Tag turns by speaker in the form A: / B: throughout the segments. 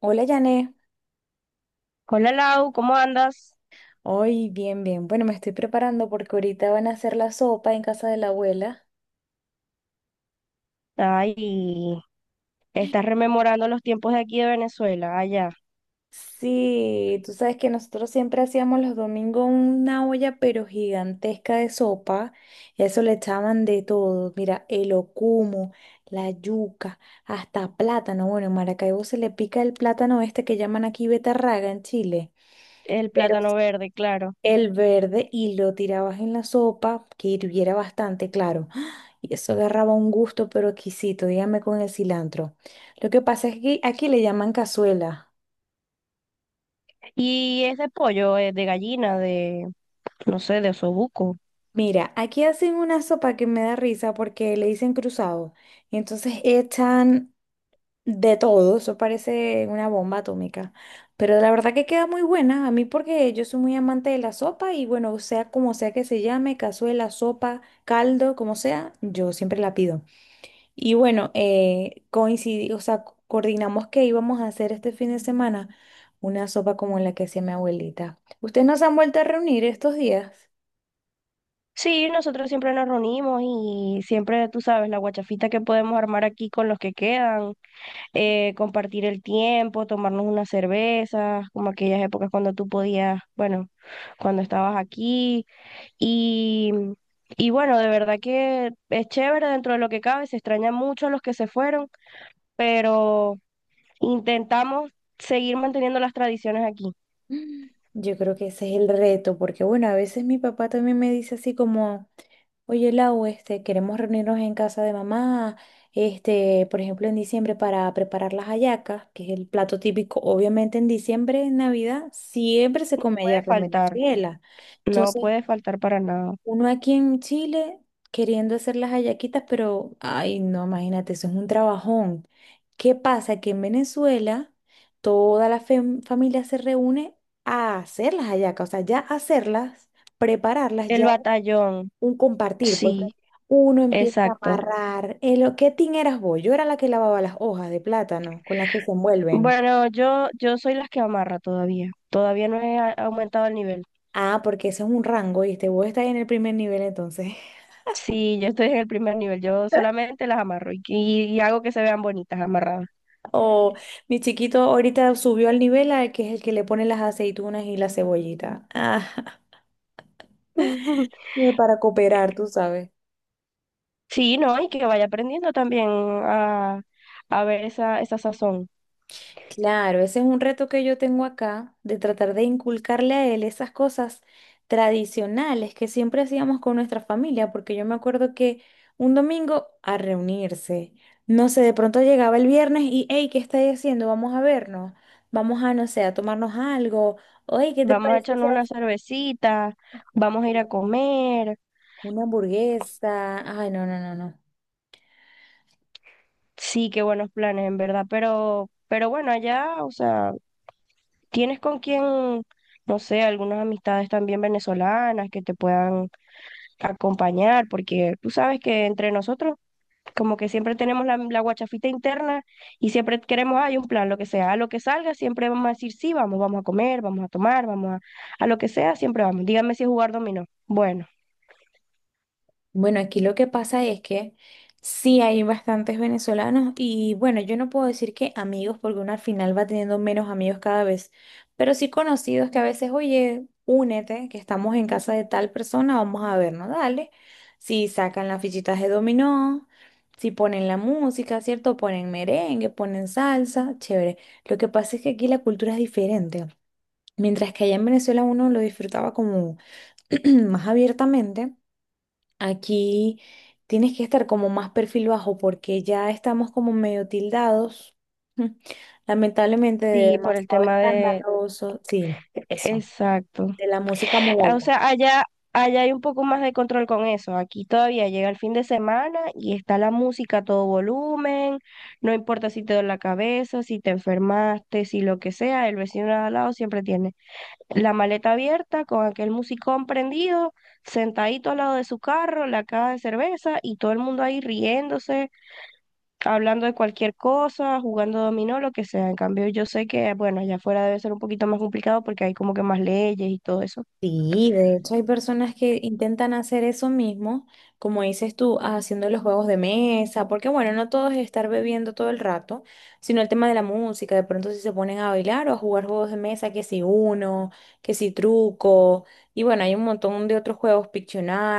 A: Hola, Jané.
B: Hola Lau, ¿cómo andas?
A: Hoy, bien, bien. Bueno, me estoy preparando porque ahorita van a hacer la sopa en casa de la abuela.
B: Ay, estás rememorando los tiempos de aquí de Venezuela, allá,
A: Sí, tú sabes que nosotros siempre hacíamos los domingos una olla pero gigantesca de sopa. Y a eso le echaban de todo. Mira, el ocumo, la yuca, hasta plátano. Bueno, en Maracaibo se le pica el plátano este que llaman aquí betarraga en Chile.
B: el
A: Pero
B: plátano verde, claro.
A: el verde y lo tirabas en la sopa, que hirviera bastante, claro. ¡Ah! Y eso agarraba un gusto pero exquisito, dígame con el cilantro. Lo que pasa es que aquí le llaman cazuela.
B: Y es de pollo, es de gallina, de, no sé, de osobuco.
A: Mira, aquí hacen una sopa que me da risa porque le dicen cruzado. Y entonces echan de todo, eso parece una bomba atómica. Pero la verdad que queda muy buena, a mí porque yo soy muy amante de la sopa y bueno, sea como sea que se llame, cazuela, sopa, caldo, como sea, yo siempre la pido. Y bueno, coincidí, o sea, coordinamos que íbamos a hacer este fin de semana una sopa como la que hacía mi abuelita. ¿Ustedes no se han vuelto a reunir estos días?
B: Sí, nosotros siempre nos reunimos y siempre, tú sabes, la guachafita que podemos armar aquí con los que quedan, compartir el tiempo, tomarnos unas cervezas, como aquellas épocas cuando tú podías, bueno, cuando estabas aquí. Y, y bueno, de verdad que es chévere dentro de lo que cabe, se extraña mucho a los que se fueron, pero intentamos seguir manteniendo las tradiciones aquí. No
A: Mm. Yo creo que ese es el reto, porque bueno, a veces mi papá también me dice así como, oye Lau, queremos reunirnos en casa de mamá, por ejemplo, en diciembre para preparar las hallacas, que es el plato típico, obviamente en diciembre, en Navidad, siempre se come
B: puede
A: hallaca en
B: faltar,
A: Venezuela.
B: no
A: Entonces,
B: puede faltar para nada.
A: uno aquí en Chile queriendo hacer las hallaquitas, pero, ay, no, imagínate, eso es un trabajón. ¿Qué pasa? Que en Venezuela toda la familia se reúne a hacer las hallacas, o sea, ya hacerlas, prepararlas,
B: El
A: ya
B: batallón,
A: un compartir. Pues
B: sí,
A: uno empieza a
B: exacto.
A: amarrar. El, ¿qué tin eras vos? Yo era la que lavaba las hojas de plátano con las que se envuelven.
B: Bueno, yo soy las que amarra todavía, todavía no he a- aumentado el nivel.
A: Ah, porque ese es un rango y este vos estás en el primer nivel entonces.
B: Sí, yo estoy en el primer nivel, yo solamente las amarro y hago que se vean bonitas amarradas.
A: O mi chiquito ahorita subió al nivel al que es el que le pone las aceitunas y la cebollita. Ajá. Y para cooperar, tú sabes.
B: Sí, no, y que vaya aprendiendo también a ver esa sazón.
A: Claro, ese es un reto que yo tengo acá, de tratar de inculcarle a él esas cosas tradicionales que siempre hacíamos con nuestra familia, porque yo me acuerdo que un domingo a reunirse, no sé, de pronto llegaba el viernes y, hey, ¿qué estáis haciendo? Vamos a vernos, vamos a, no sé, a tomarnos algo, oye, ¿qué te
B: Vamos a
A: parece si
B: echarnos una cervecita, vamos a ir a comer.
A: una hamburguesa? Ay, no, no, no, no.
B: Sí, qué buenos planes, en verdad. Pero bueno, allá, o sea, tienes con quién, no sé, algunas amistades también venezolanas que te puedan acompañar, porque tú sabes que entre nosotros como que siempre tenemos la guachafita interna y siempre queremos, hay un plan, lo que sea, a lo que salga, siempre vamos a decir sí, vamos, vamos a comer, vamos a tomar, vamos a lo que sea, siempre vamos. Dígame si es jugar dominó. Bueno,
A: Bueno, aquí lo que pasa es que sí hay bastantes venezolanos y bueno, yo no puedo decir que amigos porque uno al final va teniendo menos amigos cada vez, pero sí conocidos que a veces, oye, únete, que estamos en casa de tal persona, vamos a vernos, dale. Si sacan las fichitas de dominó, si ponen la música, ¿cierto? Ponen merengue, ponen salsa, chévere. Lo que pasa es que aquí la cultura es diferente. Mientras que allá en Venezuela uno lo disfrutaba como más abiertamente. Aquí tienes que estar como más perfil bajo porque ya estamos como medio tildados, lamentablemente de
B: sí, por el
A: demasiado
B: tema de...
A: escandaloso, sí, eso,
B: exacto.
A: de la música muy
B: Ah, o
A: alta.
B: sea, allá, allá hay un poco más de control con eso. Aquí todavía llega el fin de semana y está la música a todo volumen, no importa si te duele la cabeza, si te enfermaste, si lo que sea, el vecino de al lado siempre tiene la maleta abierta, con aquel musicón prendido, sentadito al lado de su carro, la caja de cerveza y todo el mundo ahí riéndose, hablando de cualquier cosa, jugando dominó, lo que sea. En cambio, yo sé que, bueno, allá afuera debe ser un poquito más complicado porque hay como que más leyes y todo eso.
A: Sí, de hecho hay personas que intentan hacer eso mismo, como dices tú, haciendo los juegos de mesa, porque bueno, no todo es estar bebiendo todo el rato, sino el tema de la música, de pronto si se ponen a bailar o a jugar juegos de mesa, que si uno, que si truco, y bueno, hay un montón de otros juegos,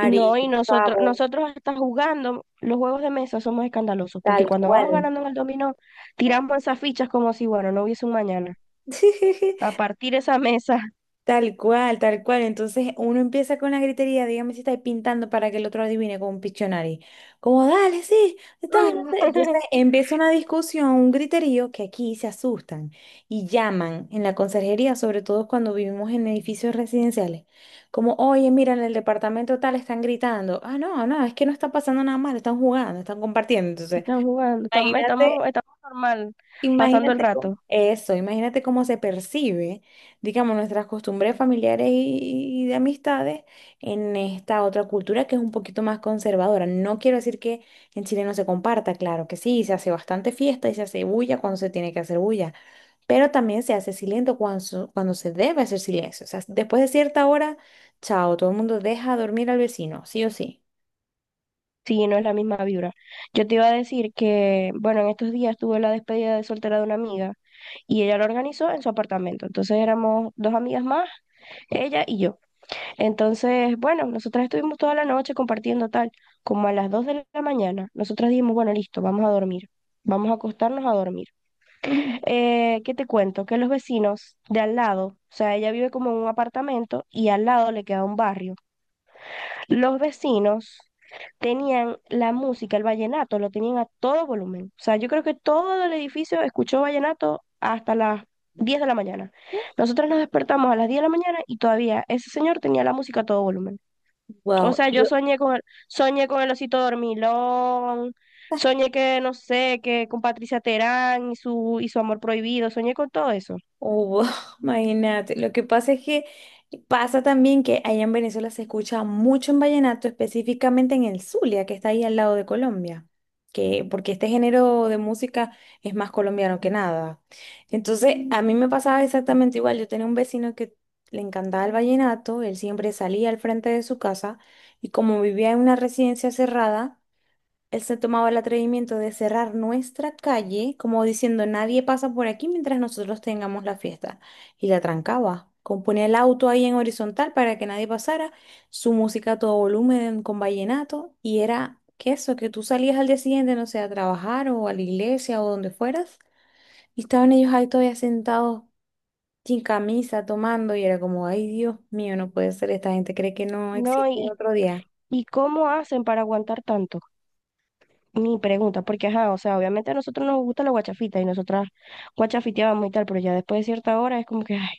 B: No, y nosotros,
A: Scrabble,
B: nosotros hasta jugando los juegos de mesa somos escandalosos,
A: tal
B: porque cuando vamos
A: cual.
B: ganando en el dominó, tiramos esas fichas como si, bueno, no hubiese un mañana. A partir esa mesa.
A: Tal cual, tal cual. Entonces uno empieza con la gritería, dígame si estáis pintando para que el otro adivine con un Pictionary. Como, dale, sí, está, no sé". Entonces empieza una discusión, un griterío que aquí se asustan y llaman en la conserjería, sobre todo cuando vivimos en edificios residenciales. Como, oye, mira, en el departamento tal están gritando. Ah, no, no, es que no está pasando nada malo, están jugando, están compartiendo. Entonces,
B: Están jugando,
A: imagínate.
B: estamos normal, pasando el
A: Imagínate cómo,
B: rato.
A: eso, imagínate cómo se percibe, digamos, nuestras costumbres familiares y de amistades en esta otra cultura que es un poquito más conservadora. No quiero decir que en Chile no se comparta, claro que sí, se hace bastante fiesta y se hace bulla cuando se tiene que hacer bulla, pero también se hace silencio cuando, cuando se debe hacer silencio. O sea, después de cierta hora, chao, todo el mundo deja dormir al vecino, sí o sí.
B: Sí, no es la misma vibra. Yo te iba a decir que, bueno, en estos días tuve la despedida de soltera de una amiga y ella lo organizó en su apartamento. Entonces éramos dos amigas más, ella y yo. Entonces, bueno, nosotras estuvimos toda la noche compartiendo tal, como a las 2 de la mañana. Nosotras dijimos, bueno, listo, vamos a dormir. Vamos a acostarnos a dormir.
A: Ujú.
B: ¿Qué te cuento? Que los vecinos de al lado, o sea, ella vive como en un apartamento y al lado le queda un barrio. Los vecinos tenían la música, el vallenato, lo tenían a todo volumen. O sea, yo creo que todo el edificio escuchó vallenato hasta las 10 de la mañana. Nosotros nos despertamos a las 10 de la mañana y todavía ese señor tenía la música a todo volumen. O
A: Wow.
B: sea, yo soñé con el osito dormilón, soñé que, no sé, que con Patricia Terán y su amor prohibido, soñé con todo eso.
A: Oh, imagínate, lo que pasa es que pasa también que allá en Venezuela se escucha mucho en vallenato, específicamente en el Zulia, que está ahí al lado de Colombia, que porque este género de música es más colombiano que nada. Entonces, a mí me pasaba exactamente igual, yo tenía un vecino que le encantaba el vallenato, él siempre salía al frente de su casa y como vivía en una residencia cerrada, él se tomaba el atrevimiento de cerrar nuestra calle, como diciendo nadie pasa por aquí mientras nosotros tengamos la fiesta. Y la trancaba. Como ponía el auto ahí en horizontal para que nadie pasara, su música a todo volumen con vallenato, y era que eso, que tú salías al día siguiente, no sé, a trabajar o a la iglesia o donde fueras, y estaban ellos ahí todavía sentados sin camisa, tomando, y era como, ay Dios mío, no puede ser, esta gente cree que no
B: No,
A: existe otro día.
B: y cómo hacen para aguantar tanto. Mi pregunta, porque ajá, o sea, obviamente a nosotros nos gusta la guachafita y nosotras guachafiteábamos y tal, pero ya después de cierta hora es como que, ay,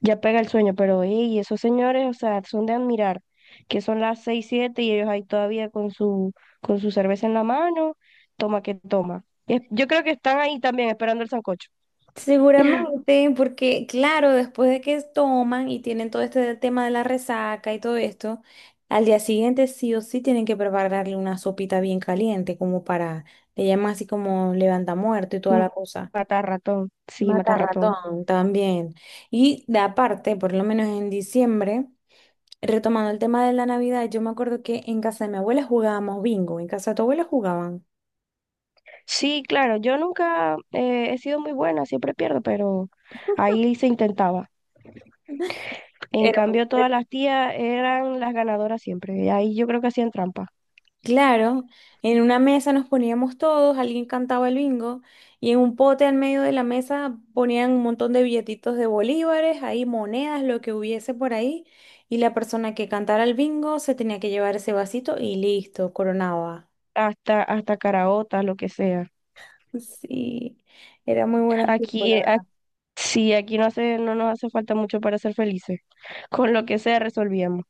B: ya pega el sueño, pero ey, esos señores, o sea, son de admirar, que son las 6, 7 y ellos ahí todavía con su cerveza en la mano, toma que toma. Yo creo que están ahí también esperando el sancocho.
A: Seguramente, porque claro, después de que toman y tienen todo este tema de la resaca y todo esto, al día siguiente sí o sí tienen que prepararle una sopita bien caliente, como para, le llaman así como levanta muerto y toda la cosa. Mata
B: Matar ratón.
A: ratón también. Y de aparte, por lo menos en diciembre, retomando el tema de la Navidad, yo me acuerdo que en casa de mi abuela jugábamos bingo, en casa de tu abuela jugaban.
B: Sí, claro, yo nunca he sido muy buena, siempre pierdo, pero ahí se intentaba. En
A: Era muy
B: cambio, todas
A: entretenido.
B: las tías eran las ganadoras siempre. Y ahí yo creo que hacían trampa.
A: Claro, en una mesa nos poníamos todos, alguien cantaba el bingo y en un pote al medio de la mesa ponían un montón de billetitos de bolívares, ahí monedas, lo que hubiese por ahí y la persona que cantara el bingo se tenía que llevar ese vasito y listo, coronaba.
B: Hasta, hasta caraotas, lo que sea.
A: Sí, era muy buenos tiempos, la
B: Aquí, a-
A: verdad.
B: sí, aquí no hace, no nos hace falta mucho para ser felices. Con lo que sea resolvíamos.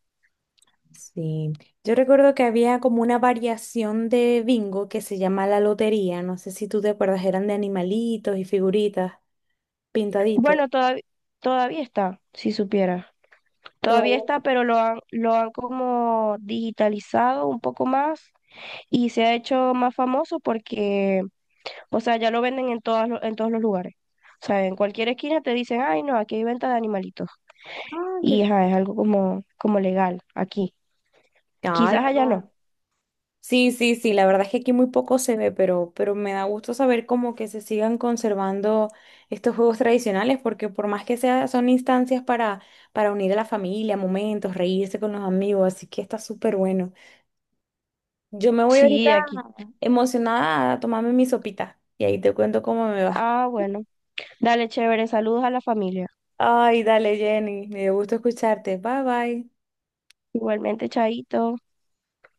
A: Sí, yo recuerdo que había como una variación de bingo que se llama la lotería, no sé si tú te acuerdas, eran de animalitos y figuritas pintaditos.
B: Bueno, todavía está, si supiera todavía
A: Todavía.
B: está, pero lo han como digitalizado un poco más y se ha hecho más famoso porque, o sea, ya lo venden en en todos los lugares. O sea, en cualquier esquina te dicen, ay, no, aquí hay venta de animalitos.
A: Ah,
B: Y
A: qué.
B: ajá, es algo como, como legal aquí.
A: Ay,
B: Quizás allá
A: no.
B: no.
A: Sí, sí, sí, la verdad es que aquí muy poco se ve, pero me da gusto saber como que se sigan conservando estos juegos tradicionales, porque por más que sea, son instancias para unir a la familia, momentos, reírse con los amigos, así que está súper bueno. Yo me voy ahorita
B: Sí, aquí.
A: emocionada a tomarme mi sopita y ahí te cuento cómo me va.
B: Ah, bueno. Dale, chévere. Saludos a la familia.
A: Ay, dale, Jenny, me dio gusto escucharte. Bye, bye.
B: Igualmente, Chaito.